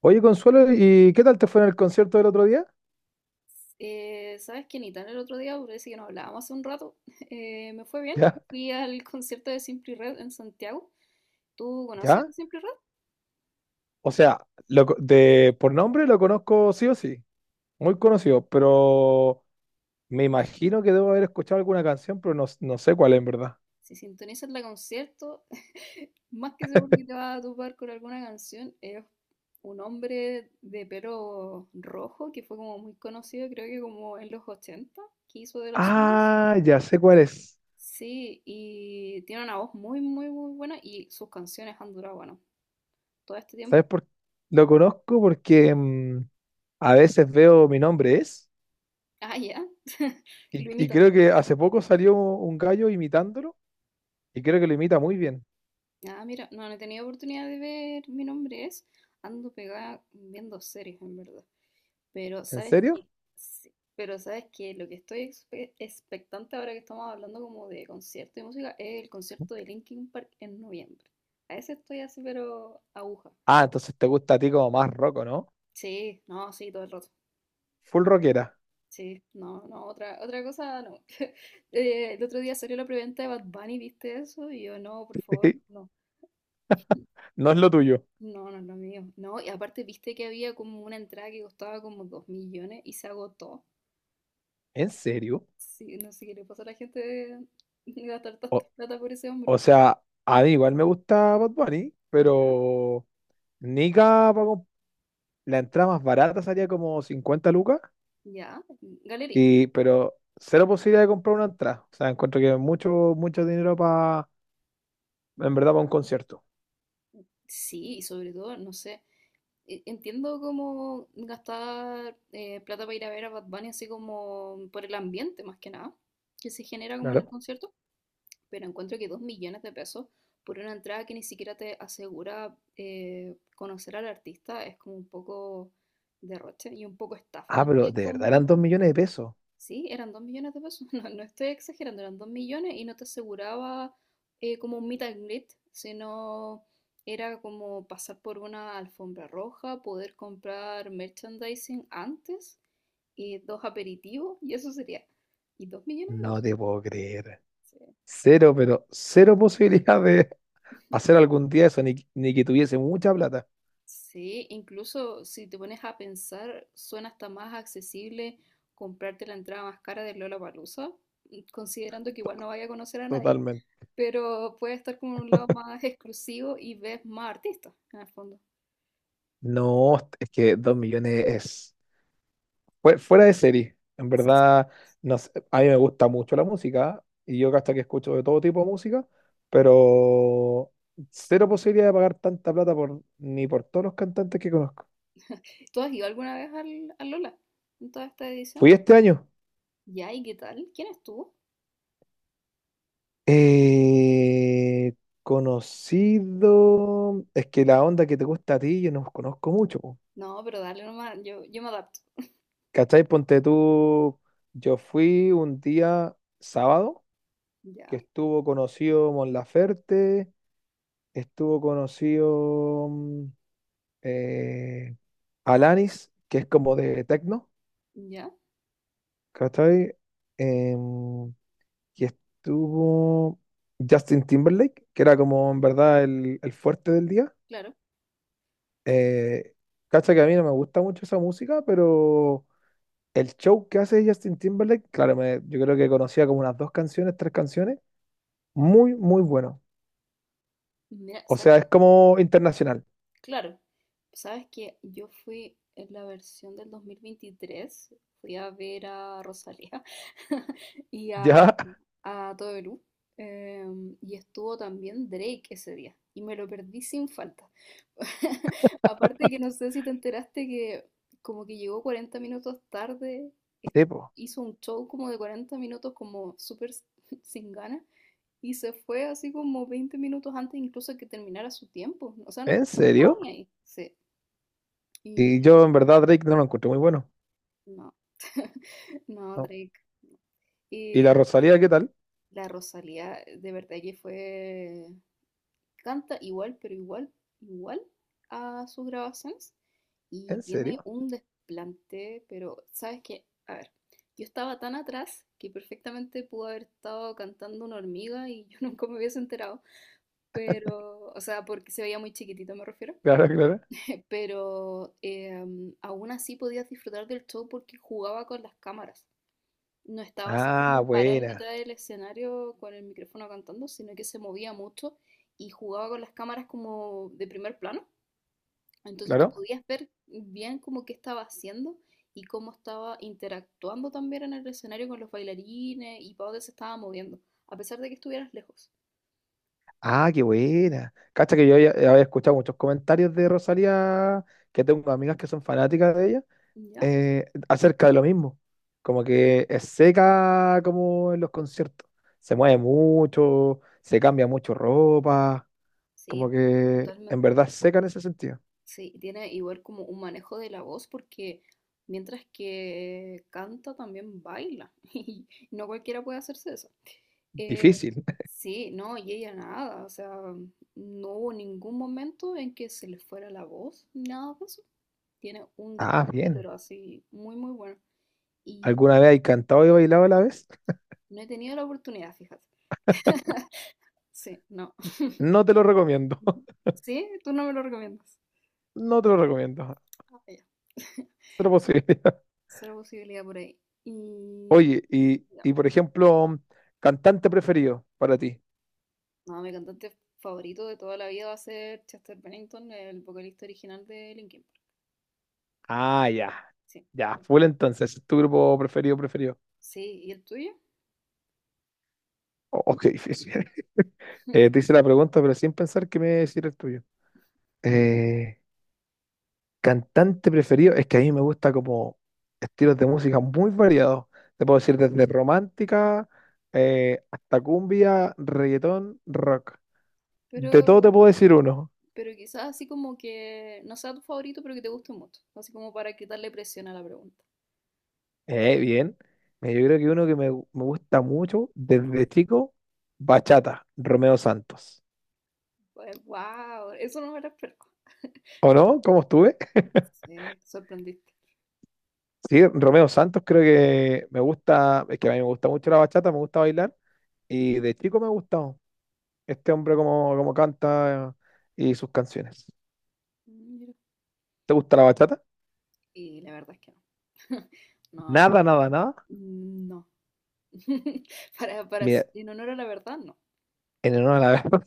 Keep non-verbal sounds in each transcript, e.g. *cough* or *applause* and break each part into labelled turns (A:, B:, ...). A: Oye, Consuelo, ¿y qué tal te fue en el concierto del otro día?
B: ¿Sabes qué, Nitán? El otro día, parece que nos hablábamos hace un rato, *laughs* me fue
A: *laughs*
B: bien.
A: ¿Ya?
B: Fui al concierto de Simply Red en Santiago. ¿Tú conoces
A: ¿Ya?
B: a Simply Red?
A: O sea, de, por nombre lo conozco sí o sí, muy conocido, pero me imagino que debo haber escuchado alguna canción, pero no, no sé cuál en verdad.
B: Si sintonizas la concierto, *laughs* más que seguro que te vas a topar con alguna canción. Es un hombre de pelo rojo que fue como muy conocido, creo que como en los 80, que hizo de los suyos.
A: Ah, ya sé cuál es.
B: Sí, y tiene una voz muy, muy, muy buena y sus canciones han durado, bueno, todo este
A: ¿Sabes
B: tiempo.
A: por Lo conozco porque a veces veo mi nombre es,
B: Ah, ya. *laughs* Y
A: y,
B: lo
A: y
B: imitan.
A: creo que hace poco salió un gallo imitándolo, y creo que lo imita muy bien.
B: Ah, mira, no, no he tenido oportunidad de ver Mi nombre es. Ando pegada viendo series, en verdad. Pero
A: ¿En
B: sabes
A: serio?
B: que, sí, pero sabes que lo que estoy expectante ahora que estamos hablando como de concierto y música es el concierto de Linkin Park en noviembre. A ese estoy así, pero aguja.
A: Ah, entonces te gusta a ti como más roco, ¿no?
B: Sí, no, sí, todo el rato.
A: Full rockera.
B: Sí, no, no, otra cosa no. *laughs* El otro día salió la preventa de Bad Bunny, ¿viste eso? Y yo, no, por favor,
A: *laughs*
B: no.
A: No es lo tuyo.
B: No, no es lo mío. No, y aparte viste que había como una entrada que costaba como 2 millones y se agotó.
A: ¿En serio?
B: Sí, no sé qué le pasó a la gente de gastar tanta
A: O,
B: plata por ese hombre.
A: o sea, a mí igual me gusta Bad Bunny,
B: Ya,
A: pero Nika, la entrada más barata salía como 50 lucas,
B: ya, galería.
A: y, pero cero posibilidad de comprar una entrada. O sea, encuentro que es mucho, mucho dinero para, en verdad, para un concierto.
B: Sí, y sobre todo, no sé, entiendo como gastar plata para ir a ver a Bad Bunny así como por el ambiente más que nada, que se genera como en el
A: Claro.
B: concierto, pero encuentro que 2 millones de pesos por una entrada que ni siquiera te asegura conocer al artista es como un poco derroche y un poco estafa
A: Ah, pero
B: también
A: de verdad eran
B: como...
A: 2 millones de pesos.
B: Sí, eran 2 millones de pesos, *laughs* no, no estoy exagerando, eran 2 millones y no te aseguraba como un meet and greet, sino era como pasar por una alfombra roja, poder comprar merchandising antes, y dos aperitivos y eso sería. Y dos millones de
A: No
B: pesos.
A: te puedo creer.
B: Sí.
A: Cero, pero cero *laughs* posibilidad de hacer algún día eso, ni, ni que tuviese mucha plata.
B: Sí, incluso si te pones a pensar, suena hasta más accesible comprarte la entrada más cara de Lollapalooza, considerando que igual no vaya a conocer a nadie,
A: Totalmente.
B: pero puede estar como en un lado más exclusivo y ves más artistas, en el fondo.
A: No, es que 2 millones es... Fuera de serie, en verdad, no sé, a mí me gusta mucho la música y yo hasta que escucho de todo tipo de música, pero cero posibilidad de pagar tanta plata por, ni por todos los cantantes que conozco.
B: ¿Tú has ido alguna vez al Lola en todas estas
A: Fui
B: ediciones?
A: este año.
B: Ya, ¿y qué tal? ¿Quién estuvo?
A: eh, conocido. Es que la onda que te gusta a ti, yo no conozco mucho, po.
B: No, pero dale nomás, yo me adapto.
A: ¿Cachai? Ponte tú. Yo fui un día sábado que
B: Ya,
A: estuvo conocido Mon Laferte, estuvo conocido. Eh, Alanis, que es como de techno,
B: ya,
A: ¿cachai? Em, y estuvo Justin Timberlake, que era como en verdad el fuerte del día.
B: claro.
A: Eh, cacha que a mí no me gusta mucho esa música, pero el show que hace Justin Timberlake, claro, yo creo que conocía como unas dos canciones, tres canciones, muy, muy bueno.
B: Mira,
A: O
B: ¿sabes?
A: sea, es como internacional.
B: Claro, sabes que yo fui en la versión del 2023, fui a ver a Rosalía *laughs* y a,
A: Ya,
B: a Todo Perú, y estuvo también Drake ese día, y me lo perdí sin falta. *laughs* Aparte que no sé si te enteraste que como que llegó 40 minutos tarde,
A: *laughs*
B: es-
A: tipo,
B: hizo un show como de 40 minutos como súper *laughs* sin ganas, y se fue así como 20 minutos antes incluso que terminara su tiempo, o sea, no,
A: ¿en
B: no estaba
A: serio?
B: ni ahí, sí.
A: Y yo en verdad Drake no lo encuentro muy bueno.
B: No, *laughs* no,
A: ¿No?
B: Drake.
A: ¿Y
B: Y
A: la Rosalía qué tal?
B: la Rosalía, de verdad que fue, canta igual, igual a sus grabaciones. Y
A: ¿En serio?
B: tiene
A: *laughs*
B: un desplante, pero ¿sabes qué? A ver, yo estaba tan atrás que perfectamente pudo haber estado cantando una hormiga y yo *laughs* nunca me hubiese enterado. Pero, o sea, porque se veía muy chiquitito, me refiero.
A: Claro, claro.
B: *laughs* Pero aún así podías disfrutar del show porque jugaba con las cámaras. No estaba así
A: Ah,
B: como parada en mitad
A: buena.
B: del escenario con el micrófono cantando, sino que se movía mucho y jugaba con las cámaras como de primer plano. Entonces tú
A: Claro.
B: podías ver bien como qué estaba haciendo y cómo estaba interactuando también en el escenario con los bailarines y para dónde se estaba moviendo, a pesar de que estuvieras lejos.
A: Ah, qué buena. Cacha que yo ya, ya había escuchado muchos comentarios de Rosalía, que tengo amigas que son fanáticas de ella,
B: ¿Ya?
A: acerca de lo mismo. Como que es seca como en los conciertos. Se mueve mucho, se cambia mucho ropa. Como
B: Sí,
A: que en
B: totalmente.
A: verdad es seca en ese sentido.
B: Sí, y tiene igual como un manejo de la voz porque mientras que canta también baila *laughs* y no cualquiera puede hacerse eso. Eh,
A: Difícil. *laughs*
B: sí, no, y ella nada, o sea, no hubo ningún momento en que se le fuera la voz, nada de eso. Tiene un
A: Ah,
B: desplante,
A: bien.
B: pero así, muy, muy bueno. Y
A: ¿Alguna vez hay cantado y bailado a la vez?
B: no he tenido la oportunidad, fíjate. *laughs* Sí, no.
A: No te lo recomiendo.
B: Mm.
A: *laughs*
B: Sí, tú no me lo recomiendas.
A: No te lo recomiendo.
B: Ah, ya. *laughs*
A: Cero posible.
B: Cero posibilidad por ahí. Y
A: Oye, y,
B: ya,
A: y por ejemplo, cantante preferido para ti.
B: no, mi cantante favorito de toda la vida va a ser Chester Bennington, el vocalista original de Linkin Park.
A: Ah, ya.
B: Sí,
A: Ya, full entonces, es tu grupo preferido, preferido.
B: sí, ¿y el tuyo?
A: Oh, oh, qué difícil. *laughs* Te
B: *laughs*
A: hice la pregunta, pero sin pensar que me decir el tuyo. Eh, cantante preferido, es que a mí me gusta como estilos de música muy variados. Te puedo decir desde romántica hasta cumbia, reggaetón, rock. De todo
B: Pero
A: te puedo decir uno.
B: Pero quizás así como que no sea tu favorito, pero que te guste mucho. Así como para quitarle presión a la pregunta.
A: Bien. Mira, yo creo que uno que me gusta mucho desde chico, bachata, Romeo Santos.
B: Pues, wow, eso no me lo esperaba.
A: ¿O no? ¿Cómo estuve? *laughs*
B: Sí, sorprendiste.
A: Sí, Romeo Santos creo que me gusta, es que a mí me gusta mucho la bachata, me gusta bailar y de chico me ha gustado este hombre como, como canta y sus canciones.
B: Mira.
A: ¿Te gusta la bachata?
B: Y la verdad es que no. *laughs* No, no.
A: Nada, nada, nada.
B: No. *laughs* Para,
A: Mira,
B: en honor a la verdad, no.
A: en honor a la *laughs* verdad.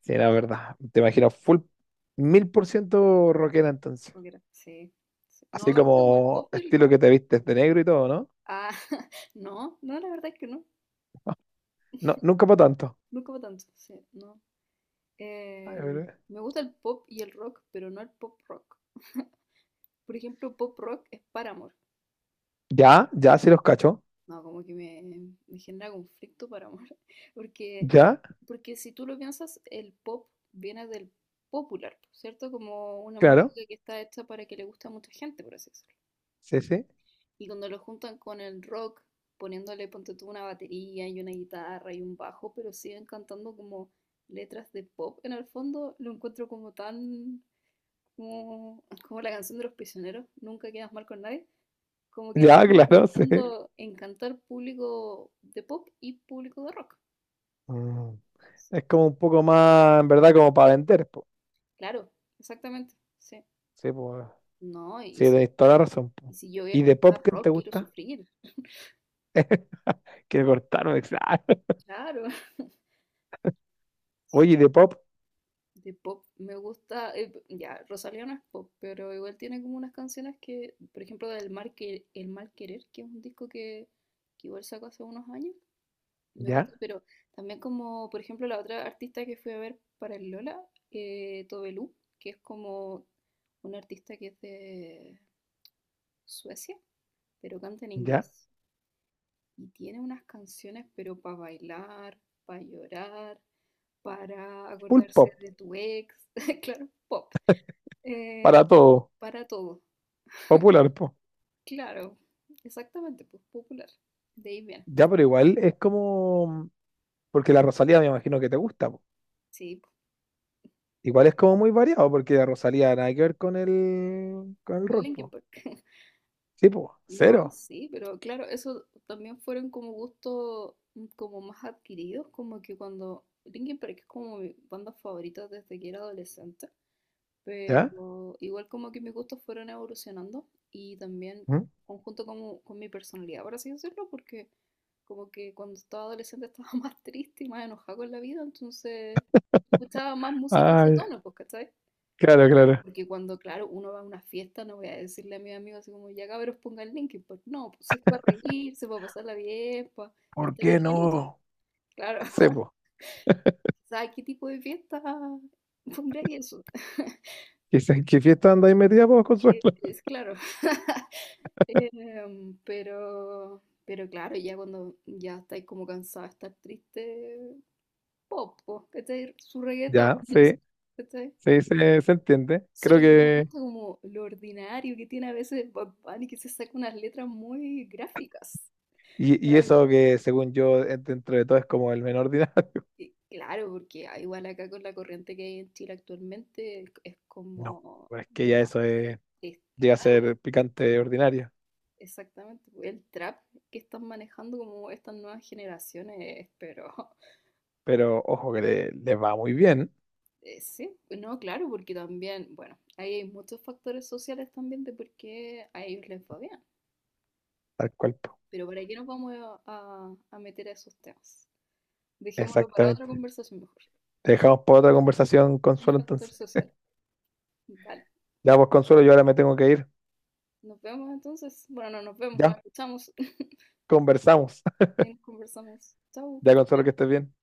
A: Sí, la verdad. Te imagino full 1000% rockera entonces.
B: Rockera. Sí, sí. No,
A: Así
B: me gusta como el pop
A: como
B: y el
A: estilo
B: rock.
A: que te vistes de negro y todo, ¿no?
B: Ah, *laughs* no, no, la verdad es que no.
A: No, nunca para tanto.
B: Nunca va tanto. Sí, no.
A: A
B: Eh,
A: ver,
B: Me gusta el pop y el rock, pero no el pop rock. Por ejemplo, pop rock es Paramore.
A: ya, ya, sí los cacho.
B: No, como que me genera conflicto para amor. *laughs* Porque,
A: Ya,
B: porque si tú lo piensas, el pop viene del popular, ¿cierto? Como una
A: claro.
B: música que está hecha para que le guste a mucha gente, por así decirlo.
A: Sí, sí.
B: Y cuando lo juntan con el rock, poniéndole, ponte tú, una batería y una guitarra y un bajo, pero siguen cantando como letras de pop en el fondo, lo encuentro como tan... Como la canción de los prisioneros, nunca quedas mal con nadie. Como que
A: Ya, *laughs*
B: están
A: claro, sí.
B: intentando encantar público de pop y público de rock.
A: Mm.
B: Sí,
A: Es como un poco más, en verdad, como para vender, po.
B: claro, exactamente. Sí.
A: Sí, pues.
B: No, y
A: Sí,
B: si,
A: tenéis toda la razón, po.
B: yo voy a
A: ¿Y de pop
B: escuchar
A: quién te
B: rock, quiero
A: gusta?
B: sufrir.
A: Quiero cortarme, *laughs* exacto.
B: Claro. *laughs*
A: Oye, ¿y de pop,
B: De pop me gusta, ya, Rosalía no es pop, pero igual tiene como unas canciones que, por ejemplo, del Mal, que, El Mal Querer, que es un disco que, igual sacó hace unos años. Me
A: ya,
B: gusta, pero también como, por ejemplo, la otra artista que fui a ver para el Lola, Tobelú, que es como una artista que es de Suecia, pero canta en
A: ya.
B: inglés. Y tiene unas canciones, pero para bailar, para llorar, para
A: Full
B: acordarse
A: pop,
B: de tu ex, *laughs* claro, pop, eh,
A: para todo.
B: para todo.
A: Popular, po.
B: Claro, exactamente, pues popular. De ahí viene.
A: Ya, pero igual es como. Porque la Rosalía me imagino que te gusta, po.
B: Sí, pues,
A: Igual es como muy variado, porque la Rosalía nada que ver con el
B: con
A: rock,
B: Linkin
A: po.
B: Park. *laughs*
A: Sí, pues,
B: No,
A: cero,
B: sí, pero claro, eso también fueron como gustos como más adquiridos, como que cuando Linkin Park es como mi banda favorita desde que era adolescente,
A: ¿ya?
B: pero igual como que mis gustos fueron evolucionando y también
A: ¿Mm?
B: conjunto como con mi personalidad, por así decirlo, porque como que cuando estaba adolescente estaba *laughs* más triste y más enojada con la vida, entonces escuchaba más música de ese
A: Ay,
B: tono, pues, ¿cachai?
A: claro, claro.
B: Porque cuando, claro, uno va a una fiesta, no voy a decirle a mis amigos así como, ya cabros, ponga el Linkin Park. No, pues si es para reírse, para pasarla bien, para
A: ¿Por
B: estar
A: qué
B: livianito.
A: no?
B: Claro.
A: Sí, pues.
B: *laughs* ¿Sabes qué tipo de fiesta pondría eso? *laughs*
A: Quizás qué fiesta andáis metida, pues, Consuelo.
B: Que
A: *laughs*
B: es claro. *laughs* Pero, claro, ya cuando ya estáis como cansada de estar triste, pop, po, ¿cachai? Su reggaetón,
A: Ya, sí,
B: *laughs* ¿cachai?
A: sí, se entiende.
B: Solo
A: Creo
B: que no me
A: que.
B: gusta como lo ordinario que tiene a veces Bad Bunny, que se saca unas letras muy gráficas.
A: Y
B: Para mí,
A: eso que, según yo, dentro de todo es como el menor ordinario. *laughs*
B: claro, porque ah, igual acá con la corriente que hay en Chile actualmente, es
A: No,
B: como
A: pues es que
B: lo
A: ya
B: más...
A: eso es,
B: es-
A: llega a
B: claro,
A: ser picante ordinario.
B: exactamente. Pues, el trap que están manejando como estas nuevas generaciones, pero *laughs*
A: Pero ojo que le va muy bien
B: sí, no, claro, porque también, bueno, ahí hay muchos factores sociales también de por qué a ellos les va bien.
A: al cuerpo.
B: Pero ¿para qué nos vamos a meter a esos temas? Dejémoslo para otra
A: Exactamente.
B: conversación mejor.
A: Te dejamos para otra conversación,
B: El
A: Consuelo,
B: factor
A: entonces.
B: social. Vale.
A: Ya, pues, Consuelo, yo ahora me tengo que ir.
B: Nos vemos entonces. Bueno, no nos vemos, nos
A: Ya,
B: escuchamos. *laughs*
A: conversamos. *laughs*
B: Ahí nos conversamos. Chau, que
A: Ya, Consuelo, que
B: te
A: estés bien.